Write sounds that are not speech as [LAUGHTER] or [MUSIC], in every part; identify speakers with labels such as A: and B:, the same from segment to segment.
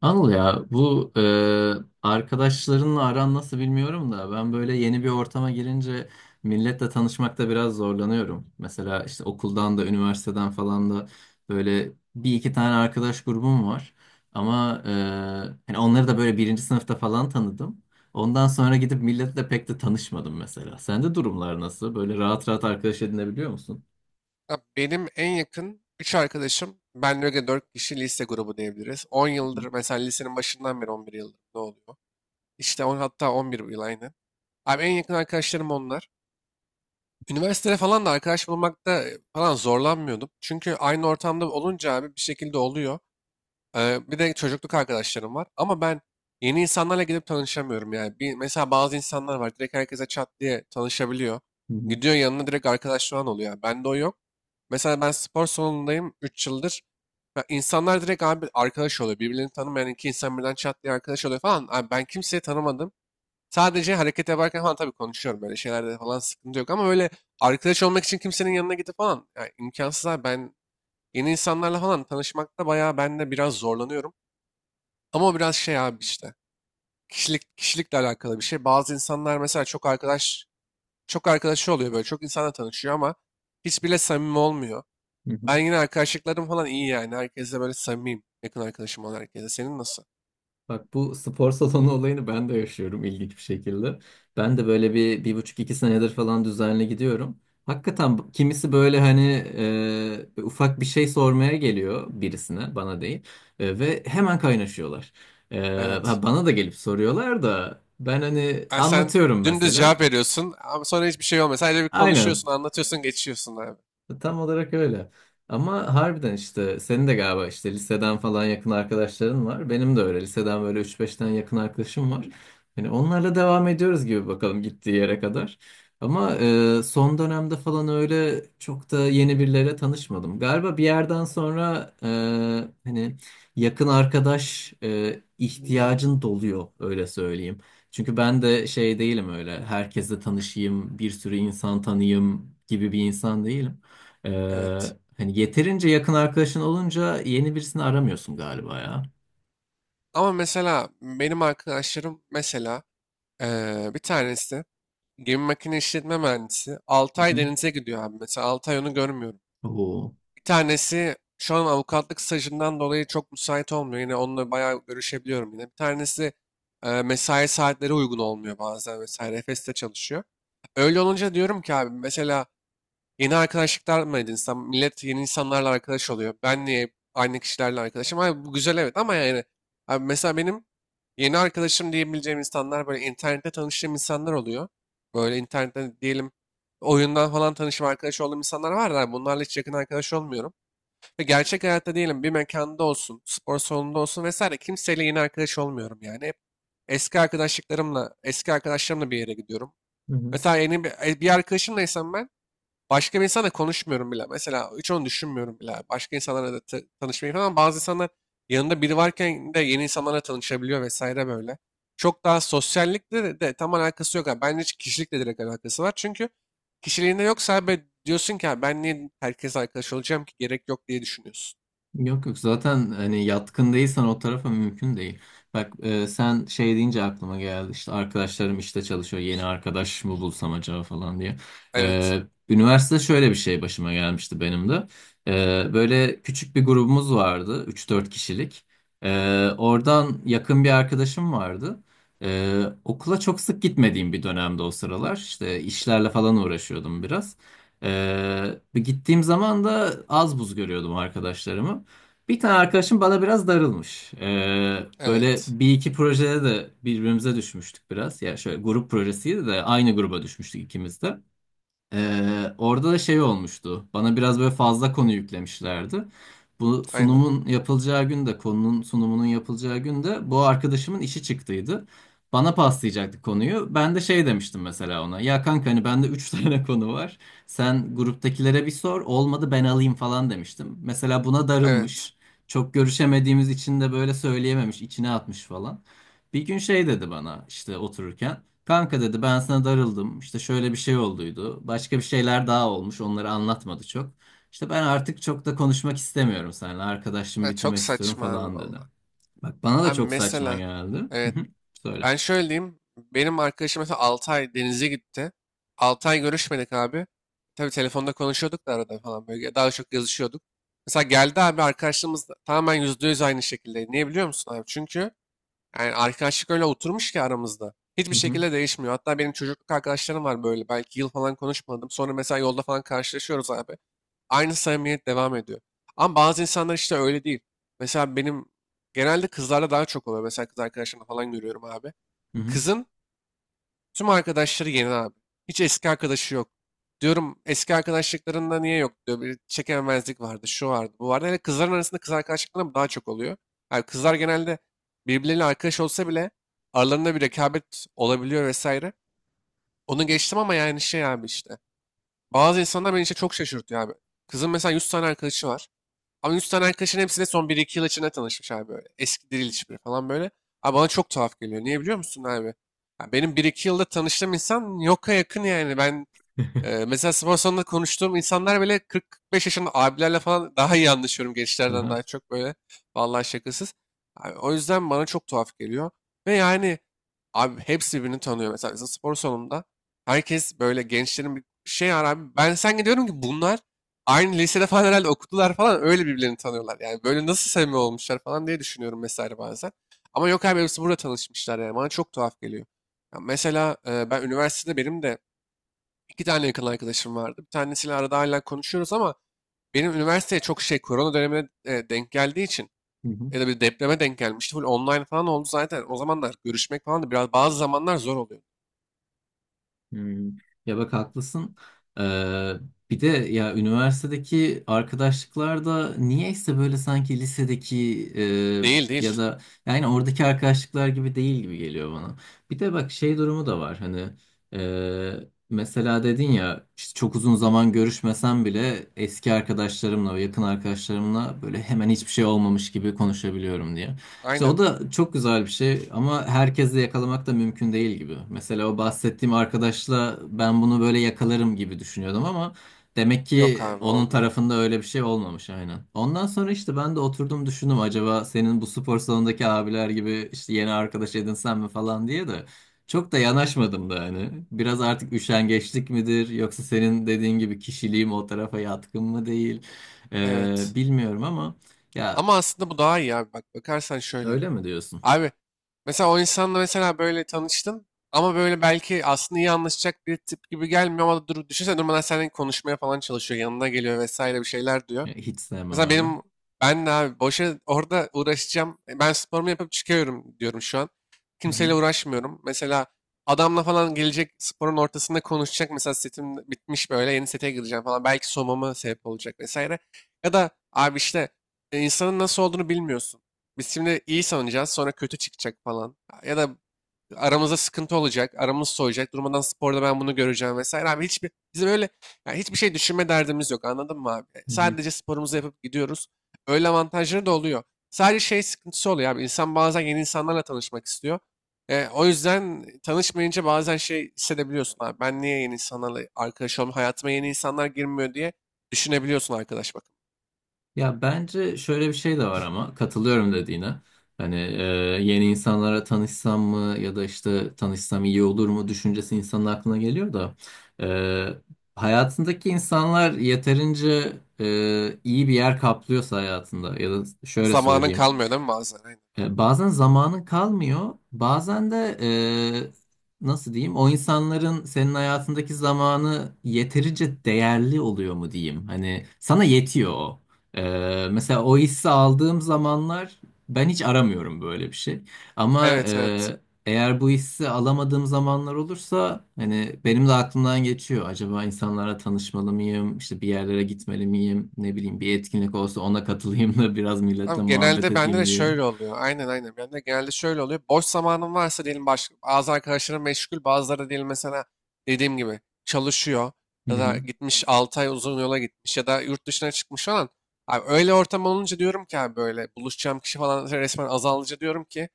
A: Anıl ya, bu arkadaşlarınla aran nasıl bilmiyorum da ben böyle yeni bir ortama girince milletle tanışmakta biraz zorlanıyorum. Mesela işte okuldan da, üniversiteden falan da böyle bir iki tane arkadaş grubum var. Ama hani onları da böyle birinci sınıfta falan tanıdım. Ondan sonra gidip milletle pek de tanışmadım mesela. Sende durumlar nasıl? Böyle rahat rahat arkadaş edinebiliyor musun?
B: Ya benim en yakın 3 arkadaşım, benle öyle 4 kişi lise grubu diyebiliriz. 10 yıldır
A: Hı
B: mesela lisenin başından beri 11 yıldır ne oluyor? İşte 10 hatta 11 yıl aynı. Abi en yakın arkadaşlarım onlar. Üniversitede falan da arkadaş bulmakta falan zorlanmıyordum. Çünkü aynı ortamda olunca abi bir şekilde oluyor. Bir de çocukluk arkadaşlarım var. Ama ben yeni insanlarla gidip tanışamıyorum yani. Bir, mesela bazı insanlar var direkt herkese çat diye tanışabiliyor.
A: hı,
B: Gidiyor yanına direkt arkadaş falan oluyor. Bende o yok. Mesela ben spor salonundayım 3 yıldır. Ya İnsanlar direkt abi arkadaş oluyor. Birbirlerini tanımayan iki insan birden çat diye arkadaş oluyor falan. Abi ben kimseyi tanımadım. Sadece hareket yaparken falan tabii konuşuyorum. Böyle şeylerde falan sıkıntı yok. Ama öyle arkadaş olmak için kimsenin yanına gidip falan. Yani imkansız abi, ben yeni insanlarla falan tanışmakta bayağı ben de biraz zorlanıyorum. Ama o biraz şey abi işte. Kişilik, kişilikle alakalı bir şey. Bazı insanlar mesela çok arkadaş, çok arkadaşı oluyor böyle. Çok insanla tanışıyor ama hiçbiriyle samimi olmuyor.
A: hı hı.
B: Ben yine arkadaşlıklarım falan iyi yani. Herkesle böyle samimiyim. Yakın arkadaşım olan herkese. Senin nasıl?
A: Bak, bu spor salonu olayını ben de yaşıyorum ilginç bir şekilde. Ben de böyle bir, bir buçuk iki senedir falan düzenli gidiyorum. Hakikaten kimisi böyle hani ufak bir şey sormaya geliyor birisine, bana değil. Ve hemen kaynaşıyorlar. E,
B: Evet.
A: ha, bana da gelip soruyorlar da ben hani
B: Yani sen
A: anlatıyorum
B: dümdüz
A: mesela.
B: cevap veriyorsun ama sonra hiçbir şey olmuyor. Sadece bir
A: Aynen.
B: konuşuyorsun, anlatıyorsun, geçiyorsun abi.
A: Tam olarak öyle. Ama harbiden işte senin de galiba işte liseden falan yakın arkadaşların var. Benim de öyle. Liseden böyle üç 5 tane yakın arkadaşım var. Hani onlarla devam ediyoruz gibi bakalım gittiği yere kadar. Ama son dönemde falan öyle çok da yeni birilere tanışmadım. Galiba bir yerden sonra hani yakın arkadaş ihtiyacın doluyor, öyle söyleyeyim. Çünkü ben de şey değilim, öyle herkesle tanışayım, bir sürü insan tanıyayım gibi bir insan değilim. Ee,
B: Evet.
A: Hani yeterince yakın arkadaşın olunca yeni birisini aramıyorsun galiba ya.
B: Ama mesela benim arkadaşlarım mesela bir tanesi gemi makine işletme mühendisi
A: Hı
B: 6 ay
A: hı.
B: denize gidiyor abi. Mesela 6 ay onu görmüyorum.
A: Oo.
B: Bir tanesi şu an avukatlık stajından dolayı çok müsait olmuyor. Yine onunla bayağı görüşebiliyorum yine. Bir tanesi mesai saatleri uygun olmuyor bazen vesaire. Efes'te çalışıyor. Öyle olunca diyorum ki abi mesela yeni arkadaşlıklar mı edinsem? Millet yeni insanlarla arkadaş oluyor. Ben niye aynı kişilerle arkadaşım? Abi bu güzel evet, ama yani abi mesela benim yeni arkadaşım diyebileceğim insanlar böyle internette tanıştığım insanlar oluyor. Böyle internetten diyelim oyundan falan tanışıp arkadaş olduğum insanlar var da bunlarla hiç yakın arkadaş olmuyorum. Ve gerçek hayatta diyelim bir mekanda olsun, spor salonunda olsun vesaire kimseyle yeni arkadaş olmuyorum yani. Hep eski arkadaşlıklarımla, eski arkadaşlarımla bir yere gidiyorum.
A: Hı hı.
B: Mesela yeni bir arkadaşımlaysam ben başka bir insanla konuşmuyorum bile. Mesela hiç onu düşünmüyorum bile. Başka insanlarla da tanışmayı falan. Bazı insanlar yanında biri varken de yeni insanlarla tanışabiliyor vesaire böyle. Çok daha sosyallikle de tam alakası yok abi. Bence kişilikle direkt alakası var. Çünkü kişiliğinde yoksa abi diyorsun ki: "Ha, ben niye herkes arkadaş olacağım ki, gerek yok," diye düşünüyorsun.
A: Yok yok, zaten hani yatkın değilsen o tarafa mümkün değil. Bak, sen şey deyince aklıma geldi işte arkadaşlarım işte çalışıyor, yeni arkadaş mı bulsam acaba falan diye.
B: Evet.
A: E, Üniversitede şöyle bir şey başıma gelmişti benim de. Böyle küçük bir grubumuz vardı, üç dört kişilik. E, Oradan yakın bir arkadaşım vardı. Okula çok sık gitmediğim bir dönemde o sıralar işte işlerle falan uğraşıyordum biraz. Bir gittiğim zaman da az buz görüyordum arkadaşlarımı. Bir tane arkadaşım bana biraz darılmış. Böyle
B: Evet.
A: bir iki projede de birbirimize düşmüştük biraz. Ya şöyle grup projesiydi de aynı gruba düşmüştük ikimiz de. Orada da şey olmuştu. Bana biraz böyle fazla konu yüklemişlerdi. Bu
B: Aynen.
A: sunumun yapılacağı gün de, konunun sunumunun yapılacağı gün de, bu arkadaşımın işi çıktıydı. Bana paslayacaktı konuyu. Ben de şey demiştim mesela ona. Ya kanka hani bende 3 [LAUGHS] tane konu var. Sen gruptakilere bir sor. Olmadı ben alayım falan demiştim. Mesela buna
B: Evet.
A: darılmış. Çok görüşemediğimiz için de böyle söyleyememiş, içine atmış falan. Bir gün şey dedi bana işte otururken. Kanka dedi, ben sana darıldım. İşte şöyle bir şey olduydu. Başka bir şeyler daha olmuş. Onları anlatmadı çok. İşte ben artık çok da konuşmak istemiyorum seninle. Arkadaşlığımı
B: Ha, çok
A: bitirmek istiyorum
B: saçma abi
A: falan dedi.
B: valla.
A: Bak bana da
B: Abi
A: çok saçma
B: mesela,
A: geldi. Hı
B: evet,
A: hı. Söyle.
B: ben şöyle diyeyim. Benim arkadaşım mesela 6 ay denize gitti. 6 ay görüşmedik abi. Tabii telefonda konuşuyorduk da arada falan, böyle daha çok yazışıyorduk. Mesela geldi abi arkadaşlığımız da tamamen %100 aynı şekilde. Niye biliyor musun abi? Çünkü yani arkadaşlık öyle oturmuş ki aramızda. Hiçbir
A: Hı hı.
B: şekilde değişmiyor. Hatta benim çocukluk arkadaşlarım var böyle. Belki yıl falan konuşmadım. Sonra mesela yolda falan karşılaşıyoruz abi. Aynı samimiyet devam ediyor. Ama bazı insanlar işte öyle değil. Mesela benim genelde kızlarda daha çok oluyor. Mesela kız arkadaşlarımla falan görüyorum abi.
A: Hı hı.
B: Kızın tüm arkadaşları yeni abi. Hiç eski arkadaşı yok. Diyorum eski arkadaşlıklarında niye yok diyor. Bir çekememezlik vardı, şu vardı, bu vardı. Hele kızların arasında kız arkadaşlıkları mı daha çok oluyor. Yani kızlar genelde birbirleriyle arkadaş olsa bile aralarında bir rekabet olabiliyor vesaire. Onu geçtim ama yani şey abi işte. Bazı insanlar beni işte çok şaşırtıyor abi. Kızın mesela 100 tane arkadaşı var. Ama 100 tane arkadaşın hepsine son bir iki yıl içinde tanışmış abi böyle. Eski değil hiçbiri falan böyle. Abi bana çok tuhaf geliyor. Niye biliyor musun abi? Ya benim bir iki yılda tanıştığım insan yoka yakın yani. Ben
A: [LAUGHS]
B: mesela spor salonunda konuştuğum insanlar bile 40-45 yaşında abilerle falan daha iyi anlaşıyorum gençlerden
A: Aha.
B: daha çok böyle. Vallahi şakasız. Abi, o yüzden bana çok tuhaf geliyor. Ve yani abi hepsi birbirini tanıyor. Mesela, bizim spor salonunda herkes böyle gençlerin bir şey var abi. Ben sen gidiyorum ki bunlar aynı lisede falan herhalde okudular falan, öyle birbirlerini tanıyorlar. Yani böyle nasıl samimi olmuşlar falan diye düşünüyorum mesela bazen. Ama yok abi hepsi burada tanışmışlar yani bana çok tuhaf geliyor. Ya mesela, ben üniversitede, benim de İki tane yakın arkadaşım vardı. Bir tanesiyle arada hala konuşuyoruz ama benim üniversiteye çok şey korona dönemine denk geldiği için ya da bir depreme denk gelmişti. Full online falan oldu zaten. O zamanlar görüşmek falan da biraz bazı zamanlar zor oluyor.
A: Hmm. Ya bak, haklısın. Ee, Bir de ya üniversitedeki arkadaşlıklar da niyeyse böyle sanki lisedeki
B: Değil
A: ya
B: değil.
A: da yani oradaki arkadaşlıklar gibi değil gibi geliyor bana. Bir de bak şey durumu da var hani e, mesela dedin ya işte çok uzun zaman görüşmesem bile eski arkadaşlarımla ve yakın arkadaşlarımla böyle hemen hiçbir şey olmamış gibi konuşabiliyorum diye. İşte o
B: Aynen.
A: da çok güzel bir şey ama herkesle yakalamak da mümkün değil gibi. Mesela o bahsettiğim arkadaşla ben bunu böyle yakalarım gibi düşünüyordum ama demek ki
B: Yok abi
A: onun
B: olmuyor.
A: tarafında öyle bir şey olmamış, aynen. Ondan sonra işte ben de oturdum düşündüm, acaba senin bu spor salonundaki abiler gibi işte yeni arkadaş edinsem mi falan diye de çok da yanaşmadım da yani. Biraz artık üşengeçlik midir yoksa senin dediğin gibi kişiliğim o tarafa yatkın mı değil?
B: Evet.
A: Bilmiyorum ama ya,
B: Ama aslında bu daha iyi abi. Bak bakarsan şöyle.
A: öyle mi diyorsun?
B: Abi mesela o insanla mesela böyle tanıştın ama böyle belki aslında iyi anlaşacak bir tip gibi gelmiyor, ama dur, düşünsene durmadan seninle konuşmaya falan çalışıyor. Yanına geliyor vesaire, bir şeyler diyor.
A: Ya, hiç sevmem
B: Mesela
A: öyle.
B: benim, ben de abi boşa orada uğraşacağım. Ben sporumu yapıp çıkıyorum diyorum şu an.
A: Hı hı,
B: Kimseyle uğraşmıyorum. Mesela adamla falan gelecek sporun ortasında konuşacak. Mesela setim bitmiş böyle yeni sete gireceğim falan. Belki soğumama sebep olacak vesaire. Ya da abi işte insanın nasıl olduğunu bilmiyorsun. Biz şimdi iyi sanacağız, sonra kötü çıkacak falan. Ya da aramızda sıkıntı olacak, aramız soğuyacak. Durmadan sporda ben bunu göreceğim vesaire. Abi hiçbir bizim öyle yani hiçbir şey düşünme derdimiz yok. Anladın mı abi?
A: hı hı.
B: Sadece sporumuzu yapıp gidiyoruz. Öyle avantajları da oluyor. Sadece şey sıkıntısı oluyor abi. İnsan bazen yeni insanlarla tanışmak istiyor. O yüzden tanışmayınca bazen şey hissedebiliyorsun abi. Ben niye yeni insanlarla arkadaş olmuyorum? Hayatıma yeni insanlar girmiyor diye düşünebiliyorsun arkadaş bakın.
A: Ya bence şöyle bir şey de var ama katılıyorum dediğine. Hani yeni insanlara tanışsam mı ya da işte tanışsam iyi olur mu düşüncesi insanın aklına geliyor da e, hayatındaki insanlar yeterince iyi bir yer kaplıyorsa hayatında, ya da şöyle
B: Zamanın
A: söyleyeyim.
B: kalmıyor değil mi bazen? Aynen.
A: Bazen zamanın kalmıyor, bazen de nasıl diyeyim, o insanların senin hayatındaki zamanı yeterince değerli oluyor mu diyeyim. Hani sana yetiyor o. E, Mesela o hissi aldığım zamanlar ben hiç aramıyorum böyle bir şey. Ama
B: Evet, evet.
A: eğer bu hissi alamadığım zamanlar olursa hani benim de aklımdan geçiyor. Acaba insanlara tanışmalı mıyım, işte bir yerlere gitmeli miyim, ne bileyim bir etkinlik olsa ona katılayım da [LAUGHS] biraz milletle
B: Abi
A: muhabbet
B: genelde bende
A: edeyim
B: de
A: diye.
B: şöyle oluyor. Aynen, aynen. Bende genelde şöyle oluyor. Boş zamanım varsa diyelim, bazı arkadaşlarım meşgul, bazıları diyelim mesela dediğim gibi çalışıyor
A: Hı
B: ya
A: hı,
B: da gitmiş 6 ay uzun yola gitmiş ya da yurt dışına çıkmış falan. Abi öyle ortam olunca diyorum ki abi böyle buluşacağım kişi falan resmen azalınca diyorum ki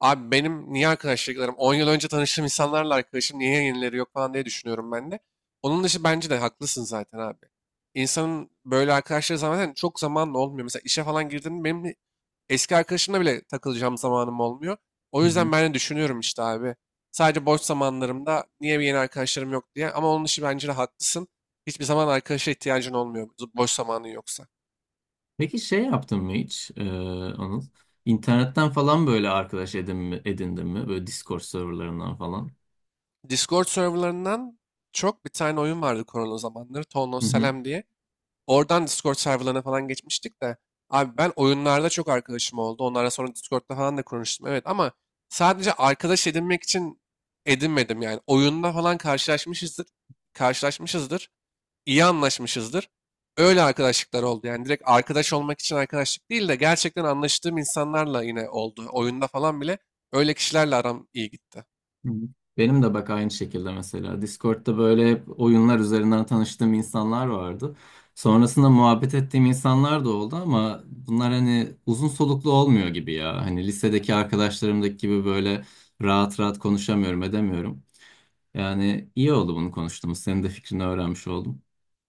B: abi benim niye arkadaşlıklarım 10 yıl önce tanıştığım insanlarla arkadaşım, niye yenileri yok falan diye düşünüyorum ben de. Onun dışı bence de haklısın zaten abi. İnsanın böyle arkadaşları zaten çok zamanla olmuyor. Mesela işe falan girdim, benim eski arkadaşımla bile takılacağım zamanım olmuyor. O
A: hı hı.
B: yüzden ben de düşünüyorum işte abi. Sadece boş zamanlarımda niye bir yeni arkadaşlarım yok diye. Ama onun için bence de haklısın. Hiçbir zaman arkadaşa ihtiyacın olmuyor boş zamanın yoksa.
A: Peki şey yaptın mı hiç Anıl? İnternetten falan böyle arkadaş edin mi, edindin mi? Böyle Discord serverlarından falan.
B: Discord serverlarından çok bir tane oyun vardı korona zamanları. Town
A: Hı
B: of
A: hı,
B: Salem diye. Oradan Discord serverlarına falan geçmiştik de. Abi ben oyunlarda çok arkadaşım oldu. Onlarla sonra Discord'da falan da konuştum. Evet ama sadece arkadaş edinmek için edinmedim yani. Oyunda falan karşılaşmışızdır. Karşılaşmışızdır. İyi anlaşmışızdır. Öyle arkadaşlıklar oldu. Yani direkt arkadaş olmak için arkadaşlık değil de gerçekten anlaştığım insanlarla yine oldu. Oyunda falan bile öyle kişilerle aram iyi gitti.
A: hı hı. Benim de bak aynı şekilde mesela Discord'da böyle hep oyunlar üzerinden tanıştığım insanlar vardı. Sonrasında muhabbet ettiğim insanlar da oldu ama bunlar hani uzun soluklu olmuyor gibi ya. Hani lisedeki arkadaşlarımdaki gibi böyle rahat rahat konuşamıyorum, edemiyorum. Yani iyi oldu bunu konuştuğumuz. Senin de fikrini öğrenmiş oldum.